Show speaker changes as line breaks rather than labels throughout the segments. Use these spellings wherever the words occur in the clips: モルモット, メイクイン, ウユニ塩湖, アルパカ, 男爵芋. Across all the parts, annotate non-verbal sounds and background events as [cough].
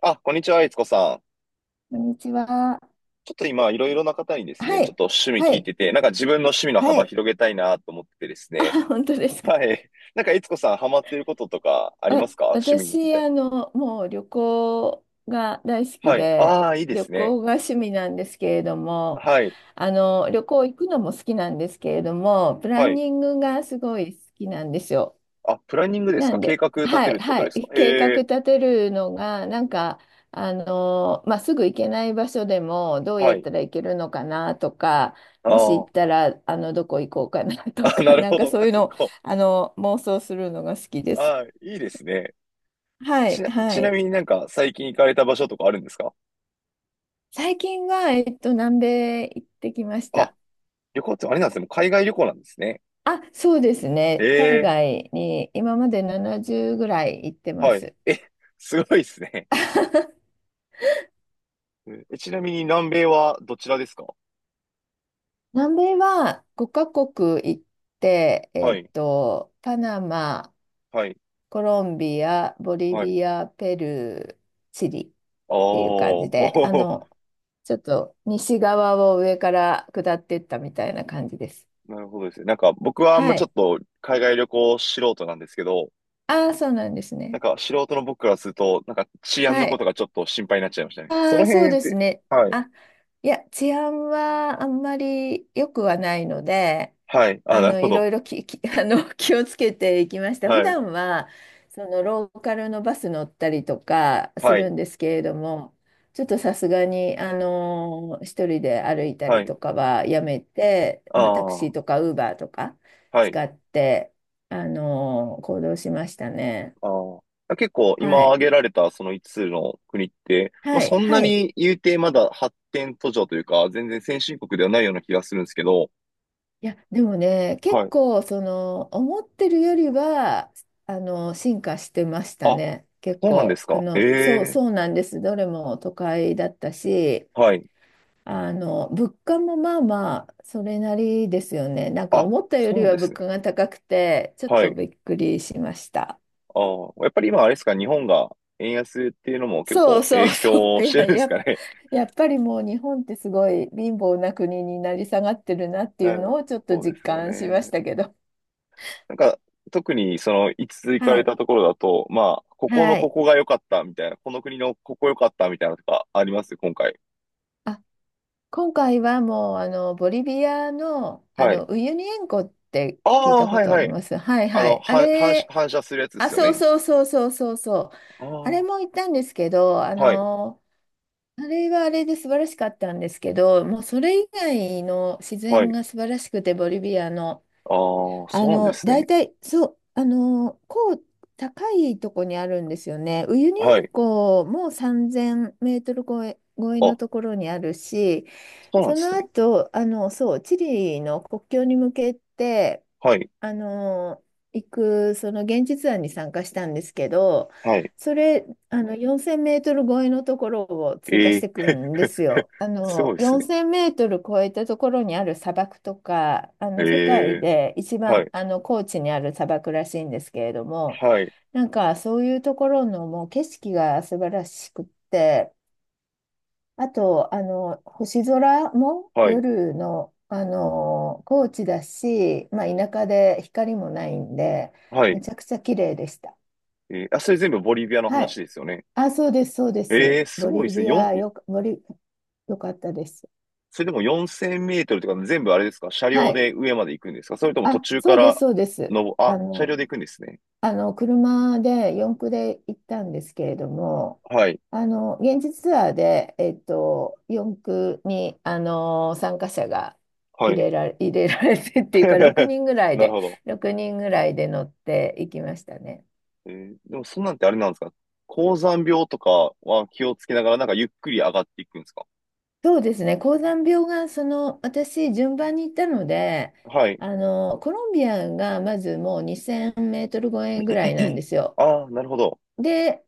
あ、こんにちは、いつこさん。
こんにちは。
ちょっと今、いろいろな方にですね、
は
ちょっ
い。
と趣味
は
聞い
い。
てて、なんか自分の趣味の
は
幅
い。
広げたいなと思っててです
あ、
ね。
本当ですか。
はい。なんか、いつこさん、ハマっていることとかありま
あ、
すか？趣味み
私、
たいな。
もう旅行が大好き
はい。
で、
ああ、いいで
旅
すね。
行が趣味なんですけれども、
はい。
旅行行くのも好きなんですけれども、プラ
は
ン
い。
ニングがすごい好きなんですよ。
あ、プランニングです
な
か？
ん
計
で、
画立
は
てる
い、
ってこと
は
ですか？
い、計画
へえ。
立てるのが、なんか、まあ、すぐ行けない場所でも、どう
は
やっ
い。
たら行けるのかなとか、
あ
もし行
あ。
ったら、どこ行こうかなと
あ、な
か、[laughs]
る
なん
ほ
か
ど。
そう
あ、
いう
結
のを、
構。
妄想するのが好きです。
ああ、いいですね。
は
ち
い、
な、
は
ちな
い。
みになんか、最近行かれた場所とかあるんですか？
最近は、南米行ってきまし
あ、
た。
旅行ってあれなんですね。もう海外旅行なんですね。
あ、そうです
え
ね。海
え。
外に今まで70ぐらい行ってま
はい。
す。
え、すごいですね。うん、え、ちなみに南米はどちらですか？
南米は5カ国行って、
はい、
パナマ、
はい、
コロンビア、ボリ
はい。あ
ビ
あ、
ア、ペルー、チリっていう感じで、
お
ちょっと西側を上から下っていったみたいな感じです。
ー。 [laughs] なるほどですね。なんか僕はあん
は
まちょっ
い。
と海外旅行素人なんですけど、
ああ、そうなんです
なん
ね。
か素人の僕からすると、なんか治安
は
のこ
い。
とがちょっと心配になっちゃいましたね。そ
あ
の
あ、そう
辺っ
です
て、
ね。
はい、
あ、いや、治安はあんまり良くはないので、
はい、あ、なるほ
い
ど。
ろいろ[laughs] 気をつけていきました。普
はい、
段は、ローカルのバス乗ったりとかす
はい、
るんですけれども、ちょっとさすがに、一人で歩いた
は
り
い、
とかはやめて、
あ
まあ、タクシーと
あ、
かウーバーとか
はい、
使って、行動しましたね。
ああ。結構
は
今
い。
挙げられたその5つつの国って、まあ、
はい、
そんな
はい。
に言うてまだ発展途上というか、全然先進国ではないような気がするんですけど、
いや、でもね、結
はい。
構、思ってるよりは、進化してました
あ、
ね。結
そうなんで
構、
すか。え
そう、
え、
そうなんです。どれも都会だったし、
はい。
物価もまあまあ、それなりですよね。なんか
あ、
思ったより
そう
は
です
物
ね。
価が高くて、ちょっ
は
と
い。
びっくりしました。
あー、やっぱり今あれですか、日本が円安っていうのも結
そう
構
そう
影
そ
響
う。[laughs] い
してる
や、
んですかね。
やっぱりもう日本ってすごい貧乏な国になり下がってるなっ
[laughs]
ていう
な、
のをちょっと
そうで
実
すよ
感しまし
ね。
たけど。
なんか、特にその、いつ行か
は
れ
い。
たところだと、まあ、ここの
は
こ
い。
こが良かったみたいな、この国のここ良かったみたいなのとかあります、今回。
あ、今回はもうボリビアの、あ
はい。
のウユニ塩湖って
あ
聞い
あ、
たこ
はい
とあ
は
り
い。
ます？はい
あ
は
の、
い。あ
は、反射、
れ、
反射するやつで
あ、
すよ
そう
ね。
そうそうそうそうそう。
あ
あれ
あ、
も行ったんですけど、
はい、
あれはあれで素晴らしかったんですけど、もうそれ以外の自
は
然
い。
が素晴らしくて、ボリビアの、
ああ、そうなんです
大
ね。
体、そう、高いとこにあるんですよね。ウユニ
は
塩
い。
湖も3000メートル超えの
あ、
ところにあるし、
そうなん
そ
で
の
すね。
後、そう、チリの国境に向けて、
はい。
あの、その現実案に参加したんですけど、
はい。
それ、4000メートル超えのところを通過
え
し
え
ていく
ー。
んですよ。
[laughs] すごいです
4000
ね。
メートル超えたところにある砂漠とか、
え
世界
えー、
で一
は
番、
い、
高地にある砂漠らしいんですけれども、
はい、
なんか、そういうところのもう景色が素晴らしくって、あと、星空も
はい、
夜の、高知だし、まあ、田舎で光もないんで、
は
め
い。
ちゃくちゃ綺麗でした。
えー、あ、それ全部ボリビアの
は
話
い。
ですよね。
あ、そうです、そうで
え
す。
えー、す
ボ
ごいで
リ
すね。
ビ
四、
ア、よかったです。
それでも4000メートルとか全部あれですか？車
は
両
い。
で上まで行くんですか？それとも途
あ、
中
そ
か
うです、
ら、
そうです。
の、
あ
あ、車
の、
両で行くんですね。
車で四駆で行ったんですけれども、
はい、
現地ツアーで、四駆に、参加者が
はい。
入れられてっていうか、
[laughs]
6人ぐらい
なる
で、
ほど。
6人ぐらいで乗っていきましたね。
えー、でもそんなんってあれなんですか？高山病とかは気をつけながらなんかゆっくり上がっていくんですか？
そうですね、高山病が、私、順番に行ったので、
はい。
コロンビアがまずもう2000メートル超えぐらいなんで
[clears throat]
すよ。
ああ、なるほど。
で、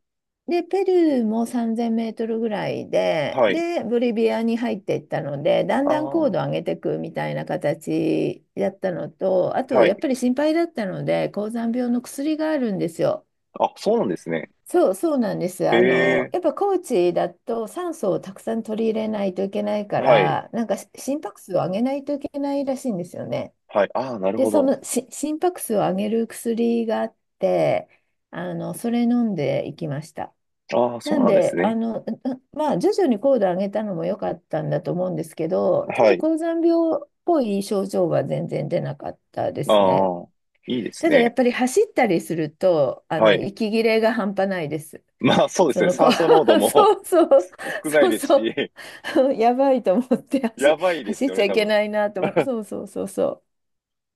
で、ペルーも3000メートルぐらいで、
はい。
で、ボリビアに入っていったので、だん
あ
だん高度
あ、
を上げていくみたいな形だったのと、あと、
は
やっ
い。
ぱり心配だったので、高山病の薬があるんですよ。
あ、そうなんですね。
そう、そうなんです。
へえ、
やっぱ高地だと酸素をたくさん取り入れないといけないか
はい、
ら、なんか心拍数を上げないといけないらしいんですよね。
はい。ああ、なる
で、
ほ
そ
ど。
の心拍数を上げる薬があって、それ飲んでいきました。
ああ、そう
なん
なんです
で、
ね。
まあ、徐々に高度を上げたのも良かったんだと思うんですけど、ちょっ
は
と
い。
高山病っぽい症状は全然出なかったですね。
ああ、いいです
ただやっ
ね。
ぱり走ったりすると、
はい。
息切れが半端ないです。
[laughs] まあ、そうですね。酸素濃度
[laughs]
も
そうそう、
[laughs] 少ない
そう
です
そ
し、
う、[laughs] やばいと思って
[laughs] やばいで
走
す
っ
よ
ち
ね、
ゃい
多
け
分。
ないなと思って、そうそうそうそう。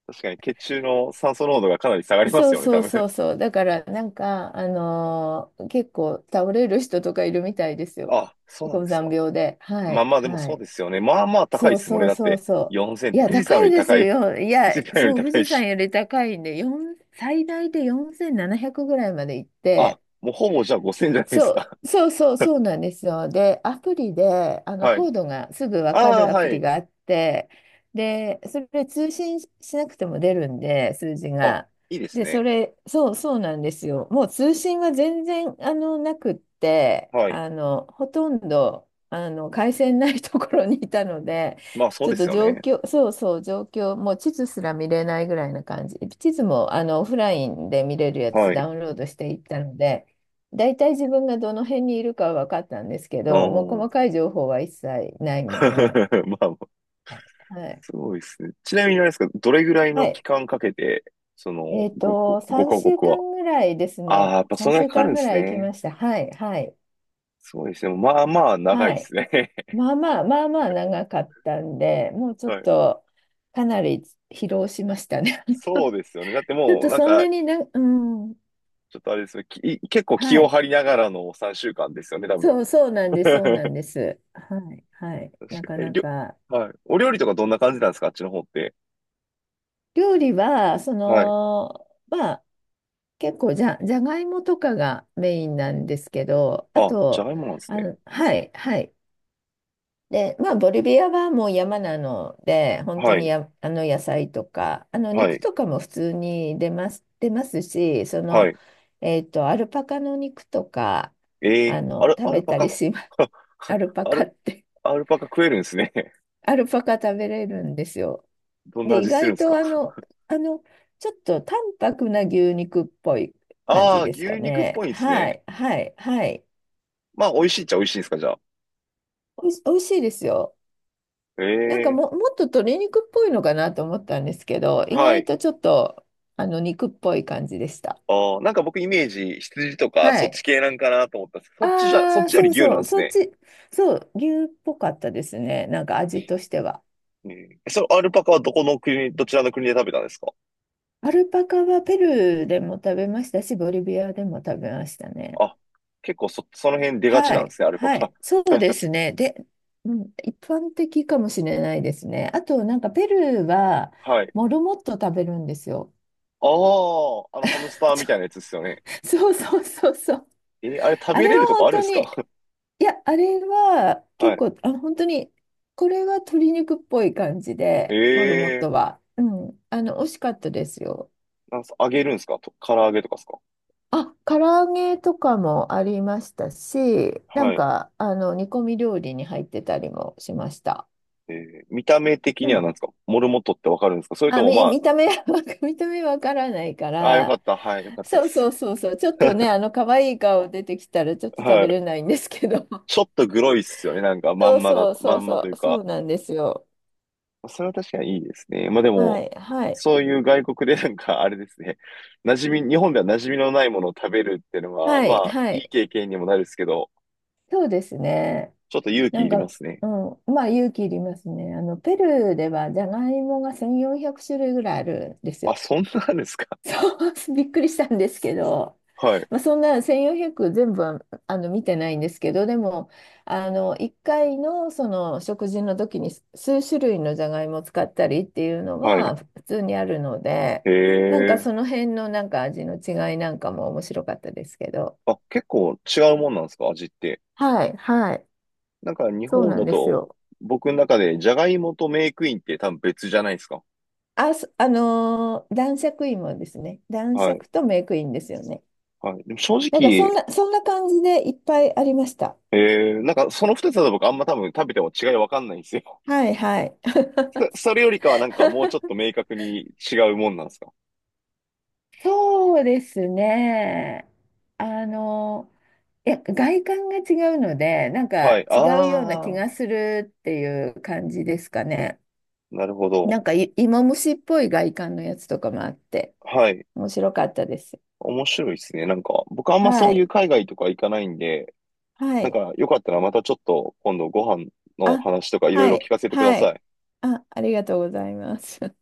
確かに血中の酸素濃度がかなり下がりま
そ
す
う
よね、多
そう
分。
そうそう。だからなんか、結構倒れる人とかいるみたいです
[laughs]
よ。
あ、そうなん
高
です
山
か。
病で。は
まあ
い、
まあ、でも
は
そう
い。
ですよね。まあまあ高い
そ
で
う
すもん
そ
ね。
う
だっ
そう
て、
そ
4000っ
う。い
て、
や、
富士山
高
よ
い
り
です
高い。
よ。い
[laughs] 富
や、
士山より
そう、富
高い
士
し。
山より高いんで、4、最大で4700ぐらいまで行っ
あ、
て、
もうほぼじゃあ5000じゃないで
そ
すか。
う、そうそうそうなんですよ。で、アプリで
[laughs] はい。
コードがすぐ分か
ああ、
るア
は
プリ
い。
があって、で、それで通信しなくても出るんで、数字
あ、
が。
いいです
で、そ
ね。
れ、そうそうなんですよ。もう通信は全然なくって、
はい。
ほとんど回線ないところにいたので、
まあ、そう
ちょ
で
っ
す
と
よ
状
ね。
況、そうそう、状況、もう地図すら見れないぐらいな感じ。地図もオフラインで見れるやつ
は
ダ
い。
ウンロードしていったので。大体自分がどの辺にいるかは分かったんですけど、もう
おー。
細かい情報は一切ないんで、
[laughs] まあ、
はい。
すごいですね。ちなみにあれですか、どれぐらい
は
の
い。
期間かけて、その、ご、ごカ
3週
国は。
間ぐらいです
ああ、
ね。
やっぱそんな
3
に
週
かかる
間
んで
ぐ
す
らい行き
ね。
ました。はい、はい、
そうですね。まあまあ、長い
は
で
い。
すね。[laughs]
まあまあ、まあまあ長かったんで、もうちょっ
はい。
とかなり疲労しましたね。
そうですよね。だって
[laughs] ちょっ
もう、
と
なん
そん
か、
なにな、うん、
ちょっとあれですね。結構気
は
を
い。
張りながらの3週間ですよね、多分。
そう、そうなん
[laughs]
です、そうなん
確
です。はい、はい。
か
なか
に。え、
な
りょ、
か。
はい。お料理とかどんな感じなんですか？あっちの方って。
料理は、
はい。
まあ、結構じゃがいもとかがメインなんですけど、あ
あ、じゃ
と、
がいもなんですね。
はい、はい。で、まあ、ボリビアはもう山なので、本当
は
に
い。
野菜とか、
は
肉
い。
とかも普通に出ますし、
はい。
アルパカの肉とか、
えー、アル、
食
アル
べ
パ
たり
カ。
します。[laughs] アル
[laughs]
パカって、
アルパカ食えるんですね。[laughs]
[laughs] アルパカ食べれるんですよ。
どんな
で、意
味するん
外
ですか？
とあの、ちょっと淡白な牛肉っぽい感
あ
じ
あー、
ですか
牛肉っ
ね。
ぽいんです
は
ね。
い、はい、はい。
まあ、美味しいっちゃ美味しいんですか、じゃあ。
おいし、美味しいですよ。
え
なんか
え、
もっと鶏肉っぽいのかなと思ったんですけど、意
は
外
い。
とちょっと、肉っぽい感じでした。
ああ、なんか僕イメージ、羊とか
は
そっち
い。
系なんかなと思ったんですけど、そっちじゃ、そっ
ああ、
ちよ
そ
り
う
牛な
そ
ん
う、
です
そっ
ね。
ち、そう、牛っぽかったですね。なんか味としては。
ええ、そのアルパカはどちらの国で食べたんですか？
アルパカはペルーでも食べましたし、ボリビアでも食べましたね。
あ、結構その辺出がち
は
なんで
い、
すね、アルパ
は
カ。
い、そうですね。で、うん、一般的かもしれないですね。あと、なんかペルーは
[laughs] はい。
モルモット食べるんですよ。
ああ、あのハムスタ
[laughs]
ーみ
ちょ
たいなやつですよね。
そうそうそうそう。
えー、あれ食
あ
べ
れ
れ
は
るとこ
本
あるんで
当
す
に、
か？
いや、あれは
[laughs] は
結
い。
構、本当に、これは鶏肉っぽい感じ
え
で、モルモッ
え、
トは。うん、美味しかったですよ。
なんす、揚げるんですか？と、唐揚げとかですか？
あ、唐揚げとかもありましたし、な
は
ん
い。
か、煮込み料理に入ってたりもしました。
えー、見た目的
で
には何
も
ですか？モルモットってわかるんですか？それと
あ、
も
[laughs]
ま、
見た目は、[laughs] 見た目わからないか
あ、ああ、よかっ
ら、
た。はい、よかったで
そうそ
す。
うそうそう、ちょっとね、可愛い顔出てきたらちょっと食
は
べ
い。
れないんですけど、
ちょっとグロいっすよね。なんか、
[laughs]
ま
そ
ん
う
まだ
そう
と、
そ
ま
う
んまと
そ
いう
う、そう
か。
なんですよ。
それは確かにいいですね。まあで
は
も、
い、はい、
そういう外国で [laughs] なんか、あれですね。馴染み、日本では馴染みのないものを食べるっていうのは、
は
ま
い、
あ、
は
いい
い、
経験にもなるんですけど、
そうですね。
ちょっと勇
な
気
ん
いりま
か、
すね。
うん、まあ勇気いりますね。ペルーではじゃがいもが1400種類ぐらいあるんです
あ、
よ。
そんなんですか？
そう、[laughs] びっくりしたんですけど、
[laughs] はい。
まあ、そんな1400全部は見てないんですけど、でも、1回のその食事の時に数種類のじゃがいもを使ったりっていうの
はい。
は普通にあるので、
へ
なんか
え。
その辺のなんか味の違いなんかも面白かったですけど。
あ、結構違うもんなんですか？味って。
はい、はい、
なんか日
そう
本
なん
だ
です
と、
よ。
僕の中でジャガイモとメークインって多分別じゃないですか。
あ、そあのー男爵芋ですね。男
はい。
爵とメイクインですよね。
はい。でも正
なんか
直、
そんな感じでいっぱいありました。
えー、なんかその二つだと僕あんま多分食べても違いわかんないんですよ。
はいはい。
[laughs] それよりかはなんかもうちょっと
[laughs]
明確に違うもんなんですか。
そうですね。あの、いや、外観が違うので、なんか
は
違うような気
い。あ
が
あ、
するっていう感じですかね。
なるほど。
なんか芋虫っぽい外観のやつとかもあって、
はい。
面白かったです。
面白いですね。なんか、僕あんま
は
そうい
い。
う海外とか行かないんで、
は
なん
い。
かよかったらまたちょっと今度ご飯の
あ、
話とかいろい
は
ろ聞
い。
かせてくだ
は
さ
い。
い。
あ、ありがとうございます。